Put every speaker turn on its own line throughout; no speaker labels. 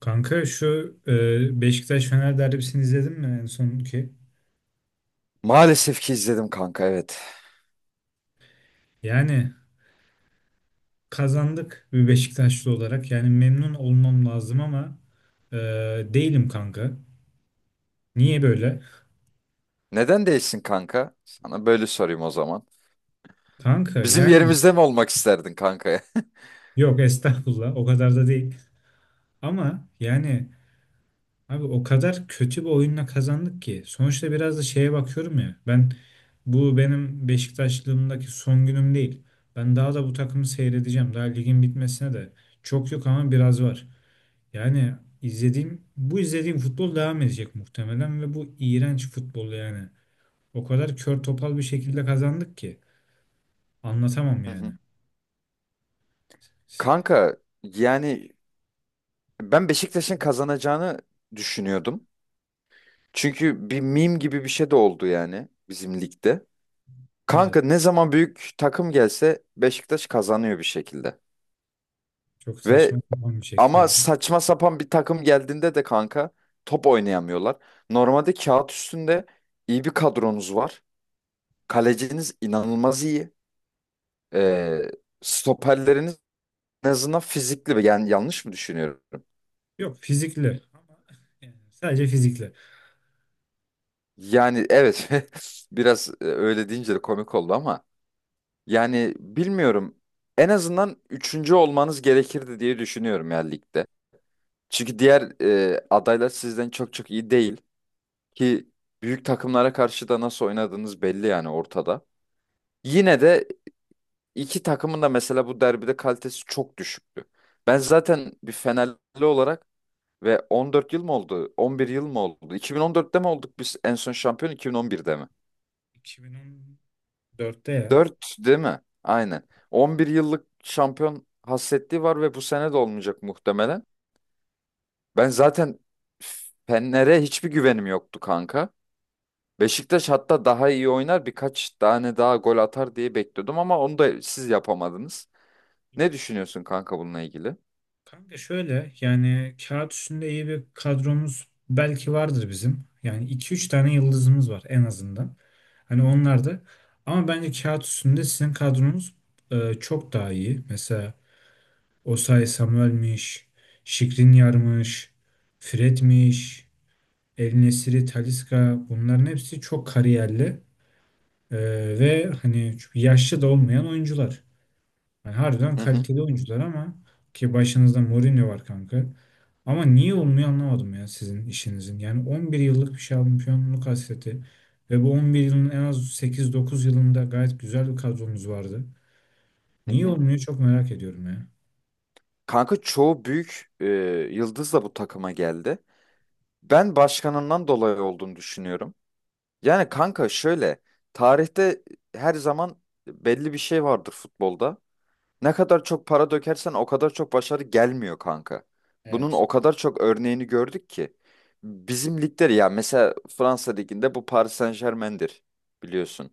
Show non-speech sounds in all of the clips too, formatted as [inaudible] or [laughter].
Kanka şu Beşiktaş-Fener derbisini izledin mi en sonki?
Maalesef ki izledim kanka, evet.
Yani kazandık bir Beşiktaşlı olarak. Yani memnun olmam lazım ama e, değilim kanka. Niye böyle?
Neden değilsin kanka? Sana böyle sorayım o zaman.
Kanka
Bizim
yani
yerimizde mi olmak isterdin kanka? [laughs]
yok estağfurullah o kadar da değil. Ama yani abi o kadar kötü bir oyunla kazandık ki. Sonuçta biraz da şeye bakıyorum ya. Ben bu benim Beşiktaşlığımdaki son günüm değil. Ben daha da bu takımı seyredeceğim. Daha ligin bitmesine de çok yok ama biraz var. Yani izlediğim futbol devam edecek muhtemelen ve bu iğrenç futbol yani. O kadar kör topal bir şekilde kazandık ki anlatamam
Hı hı.
yani.
Kanka yani ben Beşiktaş'ın kazanacağını düşünüyordum. Çünkü bir meme gibi bir şey de oldu yani bizim ligde.
Evet,
Kanka ne zaman büyük takım gelse Beşiktaş kazanıyor bir şekilde.
çok
Ve
saçma sapan bir
ama
şekilde.
saçma sapan bir takım geldiğinde de kanka top oynayamıyorlar. Normalde kağıt üstünde iyi bir kadronuz var. Kaleciniz inanılmaz iyi. Ee, Stoperleriniz en azından fizikli. Yani yanlış mı düşünüyorum?
Yok fizikli ama yani sadece fizikli.
Yani evet, [laughs] biraz öyle deyince de komik oldu ama yani bilmiyorum. En azından üçüncü olmanız gerekirdi diye düşünüyorum ya ligde. Çünkü diğer adaylar sizden çok çok iyi değil ki büyük takımlara karşı da nasıl oynadığınız belli yani ortada. Yine de iki takımın da mesela bu derbide kalitesi çok düşüktü. Ben zaten bir Fenerli olarak. Ve 14 yıl mı oldu? 11 yıl mı oldu? 2014'te mi olduk biz en son şampiyon, 2011'de mi?
2014'te ya.
4 değil mi? Aynen. 11 yıllık şampiyon hasretliği var ve bu sene de olmayacak muhtemelen. Ben zaten Fener'e hiçbir güvenim yoktu kanka. Beşiktaş hatta daha iyi oynar, birkaç tane daha gol atar diye bekliyordum ama onu da siz yapamadınız. Ne düşünüyorsun kanka bununla ilgili?
Kanka şöyle yani kağıt üstünde iyi bir kadromuz belki vardır bizim. Yani iki üç tane yıldızımız var en azından. Hani onlar da ama bence kağıt üstünde sizin kadronuz çok daha iyi. Mesela Osay Samuel'miş, Skriniar'mış, Fred'miş, El Nesiri, Talisca bunların hepsi çok kariyerli e, ve hani yaşlı da olmayan oyuncular. Yani harbiden
Hı hı.
kaliteli oyuncular ama ki başınızda Mourinho var kanka. Ama niye olmuyor anlamadım ya sizin işinizin. Yani 11 yıllık bir şampiyonluk hasreti ve bu 11 yılın en az 8-9 yılında gayet güzel bir kadronuz vardı.
Hı
Niye
hı.
olmuyor çok merak ediyorum ya.
Kanka, çoğu büyük yıldız da bu takıma geldi. Ben başkanından dolayı olduğunu düşünüyorum. Yani kanka şöyle, tarihte her zaman belli bir şey vardır futbolda. Ne kadar çok para dökersen o kadar çok başarı gelmiyor kanka. Bunun
Evet.
o kadar çok örneğini gördük ki. Bizim ligler ya, mesela Fransa liginde bu Paris Saint-Germain'dir, biliyorsun.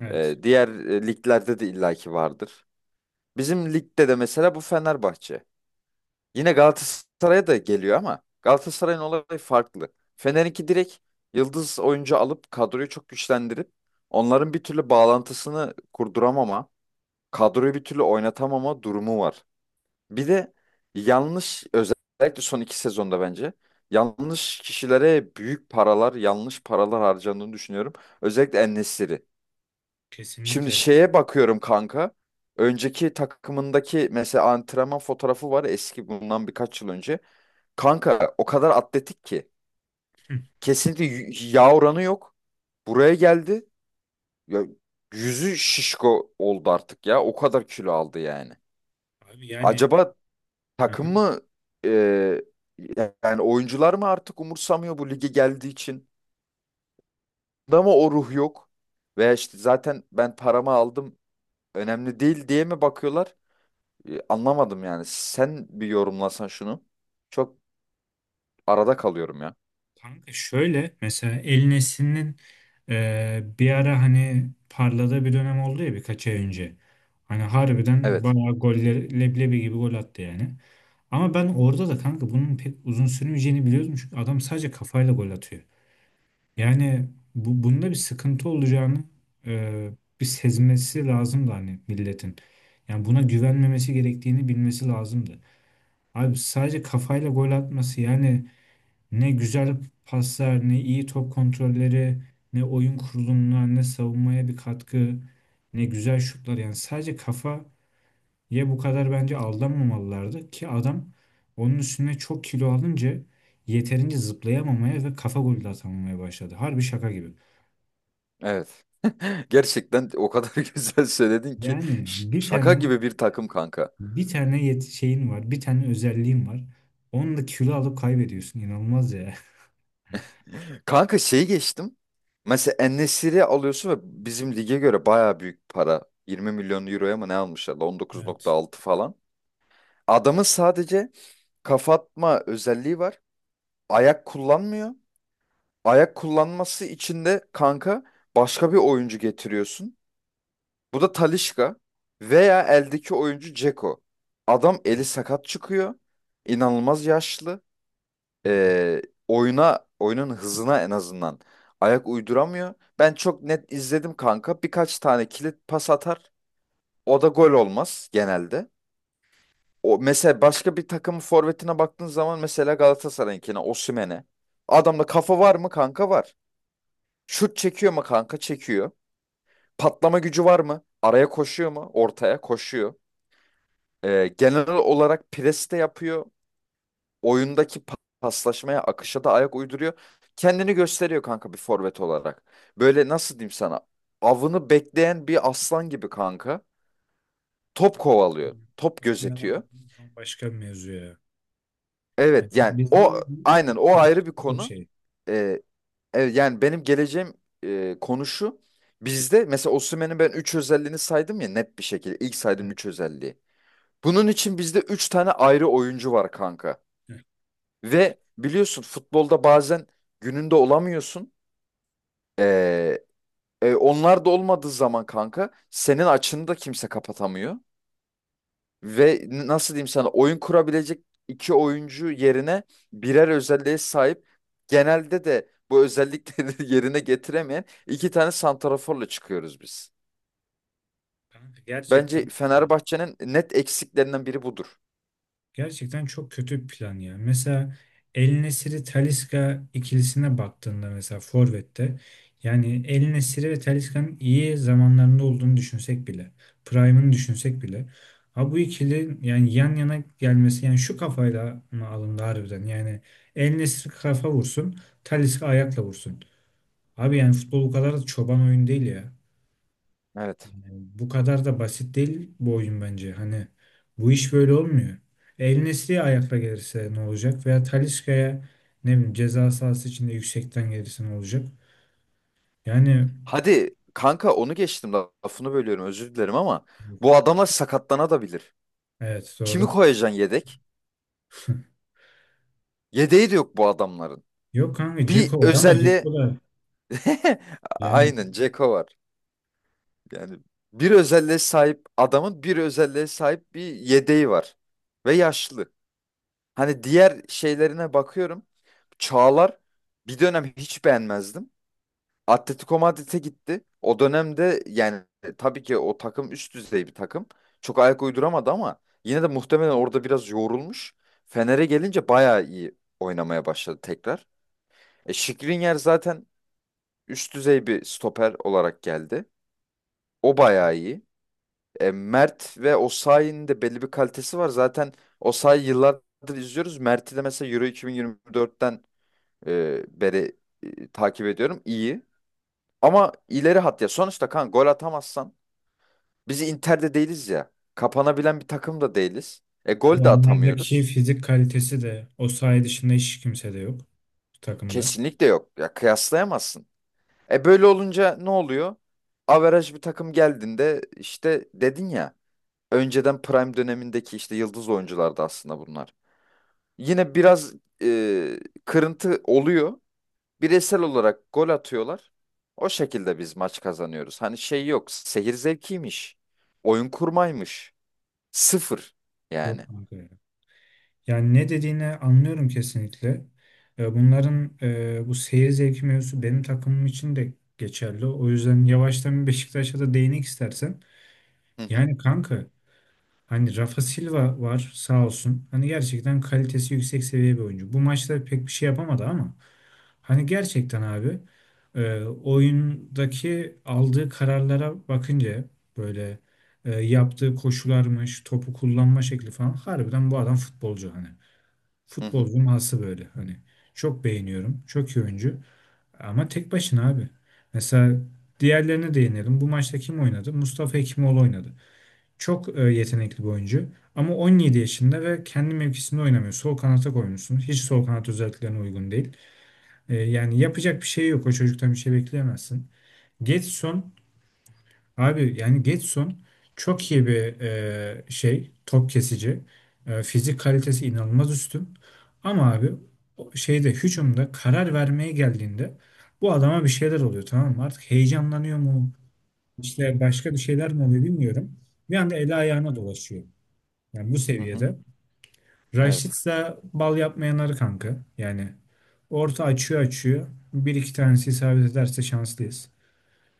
Evet,
Diğer liglerde de illaki vardır. Bizim ligde de mesela bu Fenerbahçe. Yine Galatasaray'a da geliyor ama Galatasaray'ın olayı farklı. Fener'inki direkt yıldız oyuncu alıp kadroyu çok güçlendirip onların bir türlü bağlantısını kurduramama, kadroyu bir türlü oynatamama durumu var. Bir de yanlış, özellikle son iki sezonda bence yanlış kişilere büyük paralar, yanlış paralar harcandığını düşünüyorum. Özellikle en. Şimdi
kesinlikle.
şeye bakıyorum kanka. Önceki takımındaki mesela antrenman fotoğrafı var, eski, bundan birkaç yıl önce. Kanka o kadar atletik ki.
Hı.
Kesinlikle yağ oranı yok. Buraya geldi. Ya, yüzü şişko oldu artık ya. O kadar kilo aldı yani.
Abi yani,
Acaba
hı hı.
takım mı, e, yani oyuncular mı artık umursamıyor bu lige geldiği için? Da mı o ruh yok? Veya işte, zaten ben paramı aldım, önemli değil diye mi bakıyorlar? Anlamadım yani. Sen bir yorumlasan şunu. Çok arada kalıyorum ya.
Kanka şöyle mesela El Nesli'nin bir ara hani parladığı bir dönem oldu ya birkaç ay önce. Hani harbiden
Evet.
bayağı goller leblebi gibi gol attı yani. Ama ben orada da kanka bunun pek uzun sürmeyeceğini biliyordum. Çünkü adam sadece kafayla gol atıyor. Yani bunda bir sıkıntı olacağını e, bir sezmesi lazımdı hani milletin. Yani buna güvenmemesi gerektiğini bilmesi lazımdı. Abi sadece kafayla gol atması yani ne güzel paslar, ne iyi top kontrolleri, ne oyun kurulumuna, ne savunmaya bir katkı, ne güzel şutlar. Yani sadece kafa ye bu kadar bence aldanmamalılardı ki adam onun üstüne çok kilo alınca yeterince zıplayamamaya ve kafa golü de atamamaya başladı. Harbi şaka gibi.
Evet. [laughs] Gerçekten o kadar [laughs] güzel söyledin ki
Yani bir
şaka
tane
gibi bir takım kanka.
bir tane yet şeyin var, bir tane özelliğin var. Onu da kilo alıp kaybediyorsun. İnanılmaz ya.
Kanka şeyi geçtim. Mesela en alıyorsun ve bizim lige göre baya büyük para. 20 milyon euroya mı ne almışlar?
Evet.
19,6 falan. Adamın sadece kafa atma özelliği var. Ayak kullanmıyor. Ayak kullanması için de kanka başka bir oyuncu getiriyorsun. Bu da Talisca veya eldeki oyuncu Dzeko. Adam eli sakat çıkıyor. İnanılmaz yaşlı.
Hı hı.
Ee, Oyuna, oyunun hızına en azından ayak uyduramıyor. Ben çok net izledim kanka. Birkaç tane kilit pas atar. O da gol olmaz genelde. O, mesela başka bir takımın forvetine baktığın zaman, mesela Galatasaray'ınkine, Osimhen'e. Adamda kafa var mı kanka? Var. Şut çekiyor mu kanka? Çekiyor. Patlama gücü var mı? Araya koşuyor mu? Ortaya koşuyor. Genel olarak pres de yapıyor. Oyundaki paslaşmaya, akışa da ayak uyduruyor. Kendini gösteriyor kanka bir forvet olarak. Böyle nasıl diyeyim sana? Avını bekleyen bir aslan gibi kanka. Top kovalıyor, top
Aslında
gözetiyor.
başka bir mevzu ya. Yani
Evet yani o,
bizim
aynen, o ayrı bir
çok
konu.
şey.
E, evet, yani benim geleceğim konu şu. Bizde mesela Osimhen'in ben 3 özelliğini saydım ya, net bir şekilde. İlk saydım
Evet.
3 özelliği. Bunun için bizde 3 tane ayrı oyuncu var kanka. Ve biliyorsun futbolda bazen gününde olamıyorsun. Ee, Onlar da olmadığı zaman kanka senin açını da kimse kapatamıyor. Ve nasıl diyeyim sana, oyun kurabilecek iki oyuncu yerine birer özelliğe sahip, genelde de bu özellikleri [laughs] yerine getiremeyen iki tane santraforla çıkıyoruz biz.
Kanka
Bence
gerçekten
Fenerbahçe'nin net eksiklerinden biri budur.
Gerçekten çok kötü bir plan ya. Mesela El Nesiri Talisca ikilisine baktığında mesela Forvet'te yani El Nesiri ve Talisca'nın iyi zamanlarında olduğunu düşünsek bile, prime'ını düşünsek bile ha bu ikili yani yan yana gelmesi yani şu kafayla mı alındı harbiden? Yani El Nesiri kafa vursun, Talisca ayakla vursun. Abi yani futbol bu kadar da çoban oyun değil ya.
Evet.
Yani bu kadar da basit değil bu oyun bence. Hani bu iş böyle olmuyor. El Nesri'ye ayakla gelirse ne olacak? Veya Talisca'ya ne bileyim ceza sahası içinde yüksekten gelirse ne olacak? Yani,
Hadi kanka onu geçtim, lafını bölüyorum, özür dilerim ama bu adamlar sakatlanabilir.
evet,
Kimi
doğru.
koyacaksın yedek?
[laughs]
Yedeği de yok bu adamların.
Yok kanka,
Bir
Dzeko var ama
özelliğe
Dzeko da
[laughs]
yani
aynen, Ceko var. Yani bir özelliğe sahip adamın bir özelliğe sahip bir yedeği var. Ve yaşlı. Hani diğer şeylerine bakıyorum. Çağlar, bir dönem hiç beğenmezdim. Atletico Madrid'e gitti. O dönemde yani tabii ki o takım üst düzey bir takım. Çok ayak uyduramadı ama yine de muhtemelen orada biraz yorulmuş. Fener'e gelince bayağı iyi oynamaya başladı tekrar. Skriniar zaten üst düzey bir stoper olarak geldi. O bayağı iyi. Mert ve Osayi'nin de belli bir kalitesi var. Zaten Osayi yıllardır izliyoruz. Mert'i de mesela Euro 2024'ten beri takip ediyorum. İyi. Ama ileri hat ya. Sonuçta kan, gol atamazsan biz Inter'de değiliz ya. Kapanabilen bir takım da değiliz. E gol de
onlardaki
atamıyoruz.
fizik kalitesi de o, saha dışında hiç kimse de yok bu takımda.
Kesinlikle yok. Ya kıyaslayamazsın. E böyle olunca ne oluyor? Averaj bir takım geldiğinde, işte dedin ya, önceden prime dönemindeki işte yıldız oyunculardı aslında bunlar. Yine biraz kırıntı oluyor. Bireysel olarak gol atıyorlar. O şekilde biz maç kazanıyoruz. Hani şey yok, seyir zevkiymiş. Oyun kurmaymış. Sıfır
Yok
yani.
kanka. Yani ne dediğini anlıyorum kesinlikle. Bunların bu seyir zevki mevzusu benim takımım için de geçerli. O yüzden yavaştan bir Beşiktaş'a da değinek istersen.
Hı hı,
Yani kanka hani Rafa Silva var sağ olsun. Hani gerçekten kalitesi yüksek seviye bir oyuncu. Bu maçta pek bir şey yapamadı ama hani gerçekten abi oyundaki aldığı kararlara bakınca böyle yaptığı koşularmış, topu kullanma şekli falan harbiden bu adam futbolcu hani.
hı
Futbol
hı.
cuması böyle hani çok beğeniyorum. Çok iyi oyuncu ama tek başına abi. Mesela diğerlerine değinelim. Bu maçta kim oynadı? Mustafa Hekimoğlu oynadı. Çok yetenekli bir oyuncu ama 17 yaşında ve kendi mevkisinde oynamıyor. Sol kanata koymuşsun. Hiç sol kanat özelliklerine uygun değil. Yani yapacak bir şey yok. O çocuktan bir şey bekleyemezsin. Getson Abi yani Getson çok iyi bir şey, top kesici. Fizik kalitesi inanılmaz üstün. Ama abi o şeyde, hücumda karar vermeye geldiğinde bu adama bir şeyler oluyor, tamam mı? Artık heyecanlanıyor mu? İşte başka bir şeyler mi oluyor bilmiyorum. Bir anda eli ayağına dolaşıyor. Yani bu
Hı hı.
seviyede. Raşit
Evet.
ise bal yapmayanları kanka. Yani orta açıyor, açıyor. Bir iki tanesi isabet ederse şanslıyız.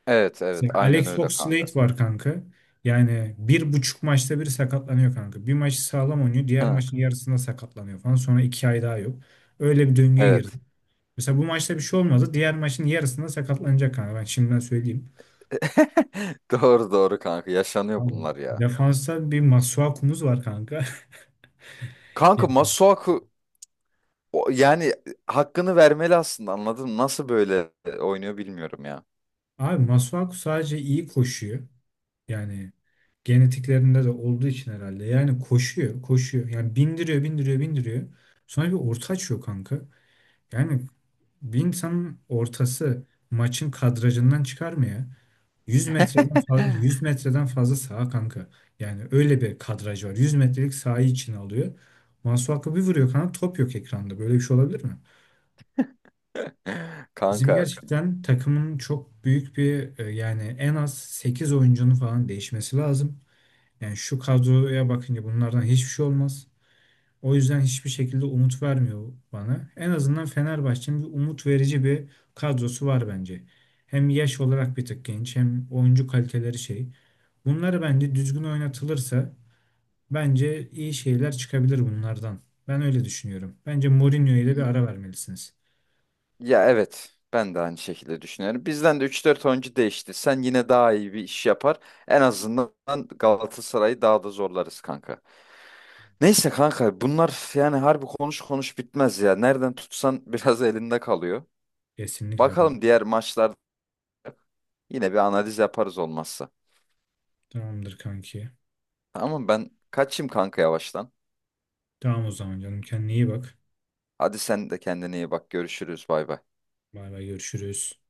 Evet, evet,
Mesela
aynen
Alex
öyle kanka.
Oxlade var kanka. Yani bir buçuk maçta biri sakatlanıyor kanka. Bir maçı sağlam oynuyor. Diğer
Hı.
maçın yarısında sakatlanıyor falan. Sonra 2 ay daha yok. Öyle bir döngüye girdi.
Evet.
Mesela bu maçta bir şey olmadı. Diğer maçın yarısında sakatlanacak kanka. Ben şimdiden söyleyeyim.
[laughs] Doğru doğru kanka, yaşanıyor
Abi,
bunlar ya.
defansta bir Masuaku'muz var kanka. [laughs] Ya,
Kanka Masuaku, yani hakkını vermeli aslında, anladın mı? Nasıl böyle oynuyor bilmiyorum ya.
abi Masuaku sadece iyi koşuyor. Yani genetiklerinde de olduğu için herhalde. Yani koşuyor, koşuyor. Yani bindiriyor, bindiriyor, bindiriyor. Sonra bir orta açıyor kanka. Yani bir insanın ortası maçın kadrajından çıkar mı ya? 100 metreden fazla, 100 metreden fazla saha kanka. Yani öyle bir kadraj var. 100 metrelik sahayı içine alıyor. Masuaku bir vuruyor kanka, top yok ekranda. Böyle bir şey olabilir mi?
[laughs]
Bizim
Kanka,
gerçekten takımın çok büyük bir, yani en az 8 oyuncunun falan değişmesi lazım. Yani şu kadroya bakınca bunlardan hiçbir şey olmaz. O yüzden hiçbir şekilde umut vermiyor bana. En azından Fenerbahçe'nin bir umut verici bir kadrosu var bence. Hem yaş olarak bir tık genç hem oyuncu kaliteleri şey. Bunları bence düzgün oynatılırsa bence iyi şeyler çıkabilir bunlardan. Ben öyle düşünüyorum. Bence Mourinho'ya da bir
i-
ara vermelisiniz.
ya evet, ben de aynı şekilde düşünüyorum. Bizden de üç dört oyuncu değişti. Sen yine daha iyi bir iş yapar. En azından Galatasaray'ı daha da zorlarız kanka. Neyse kanka, bunlar yani harbi, konuş konuş bitmez ya. Nereden tutsan [laughs] biraz elinde kalıyor.
Kesinlikle
Bakalım,
kanka.
diğer maçlar yine bir analiz yaparız olmazsa.
Tamamdır kanki.
Tamam, ben kaçayım kanka yavaştan.
Tamam o zaman canım, kendine iyi bak.
Hadi sen de kendine iyi bak. Görüşürüz. Bay bay.
Bay bay, görüşürüz.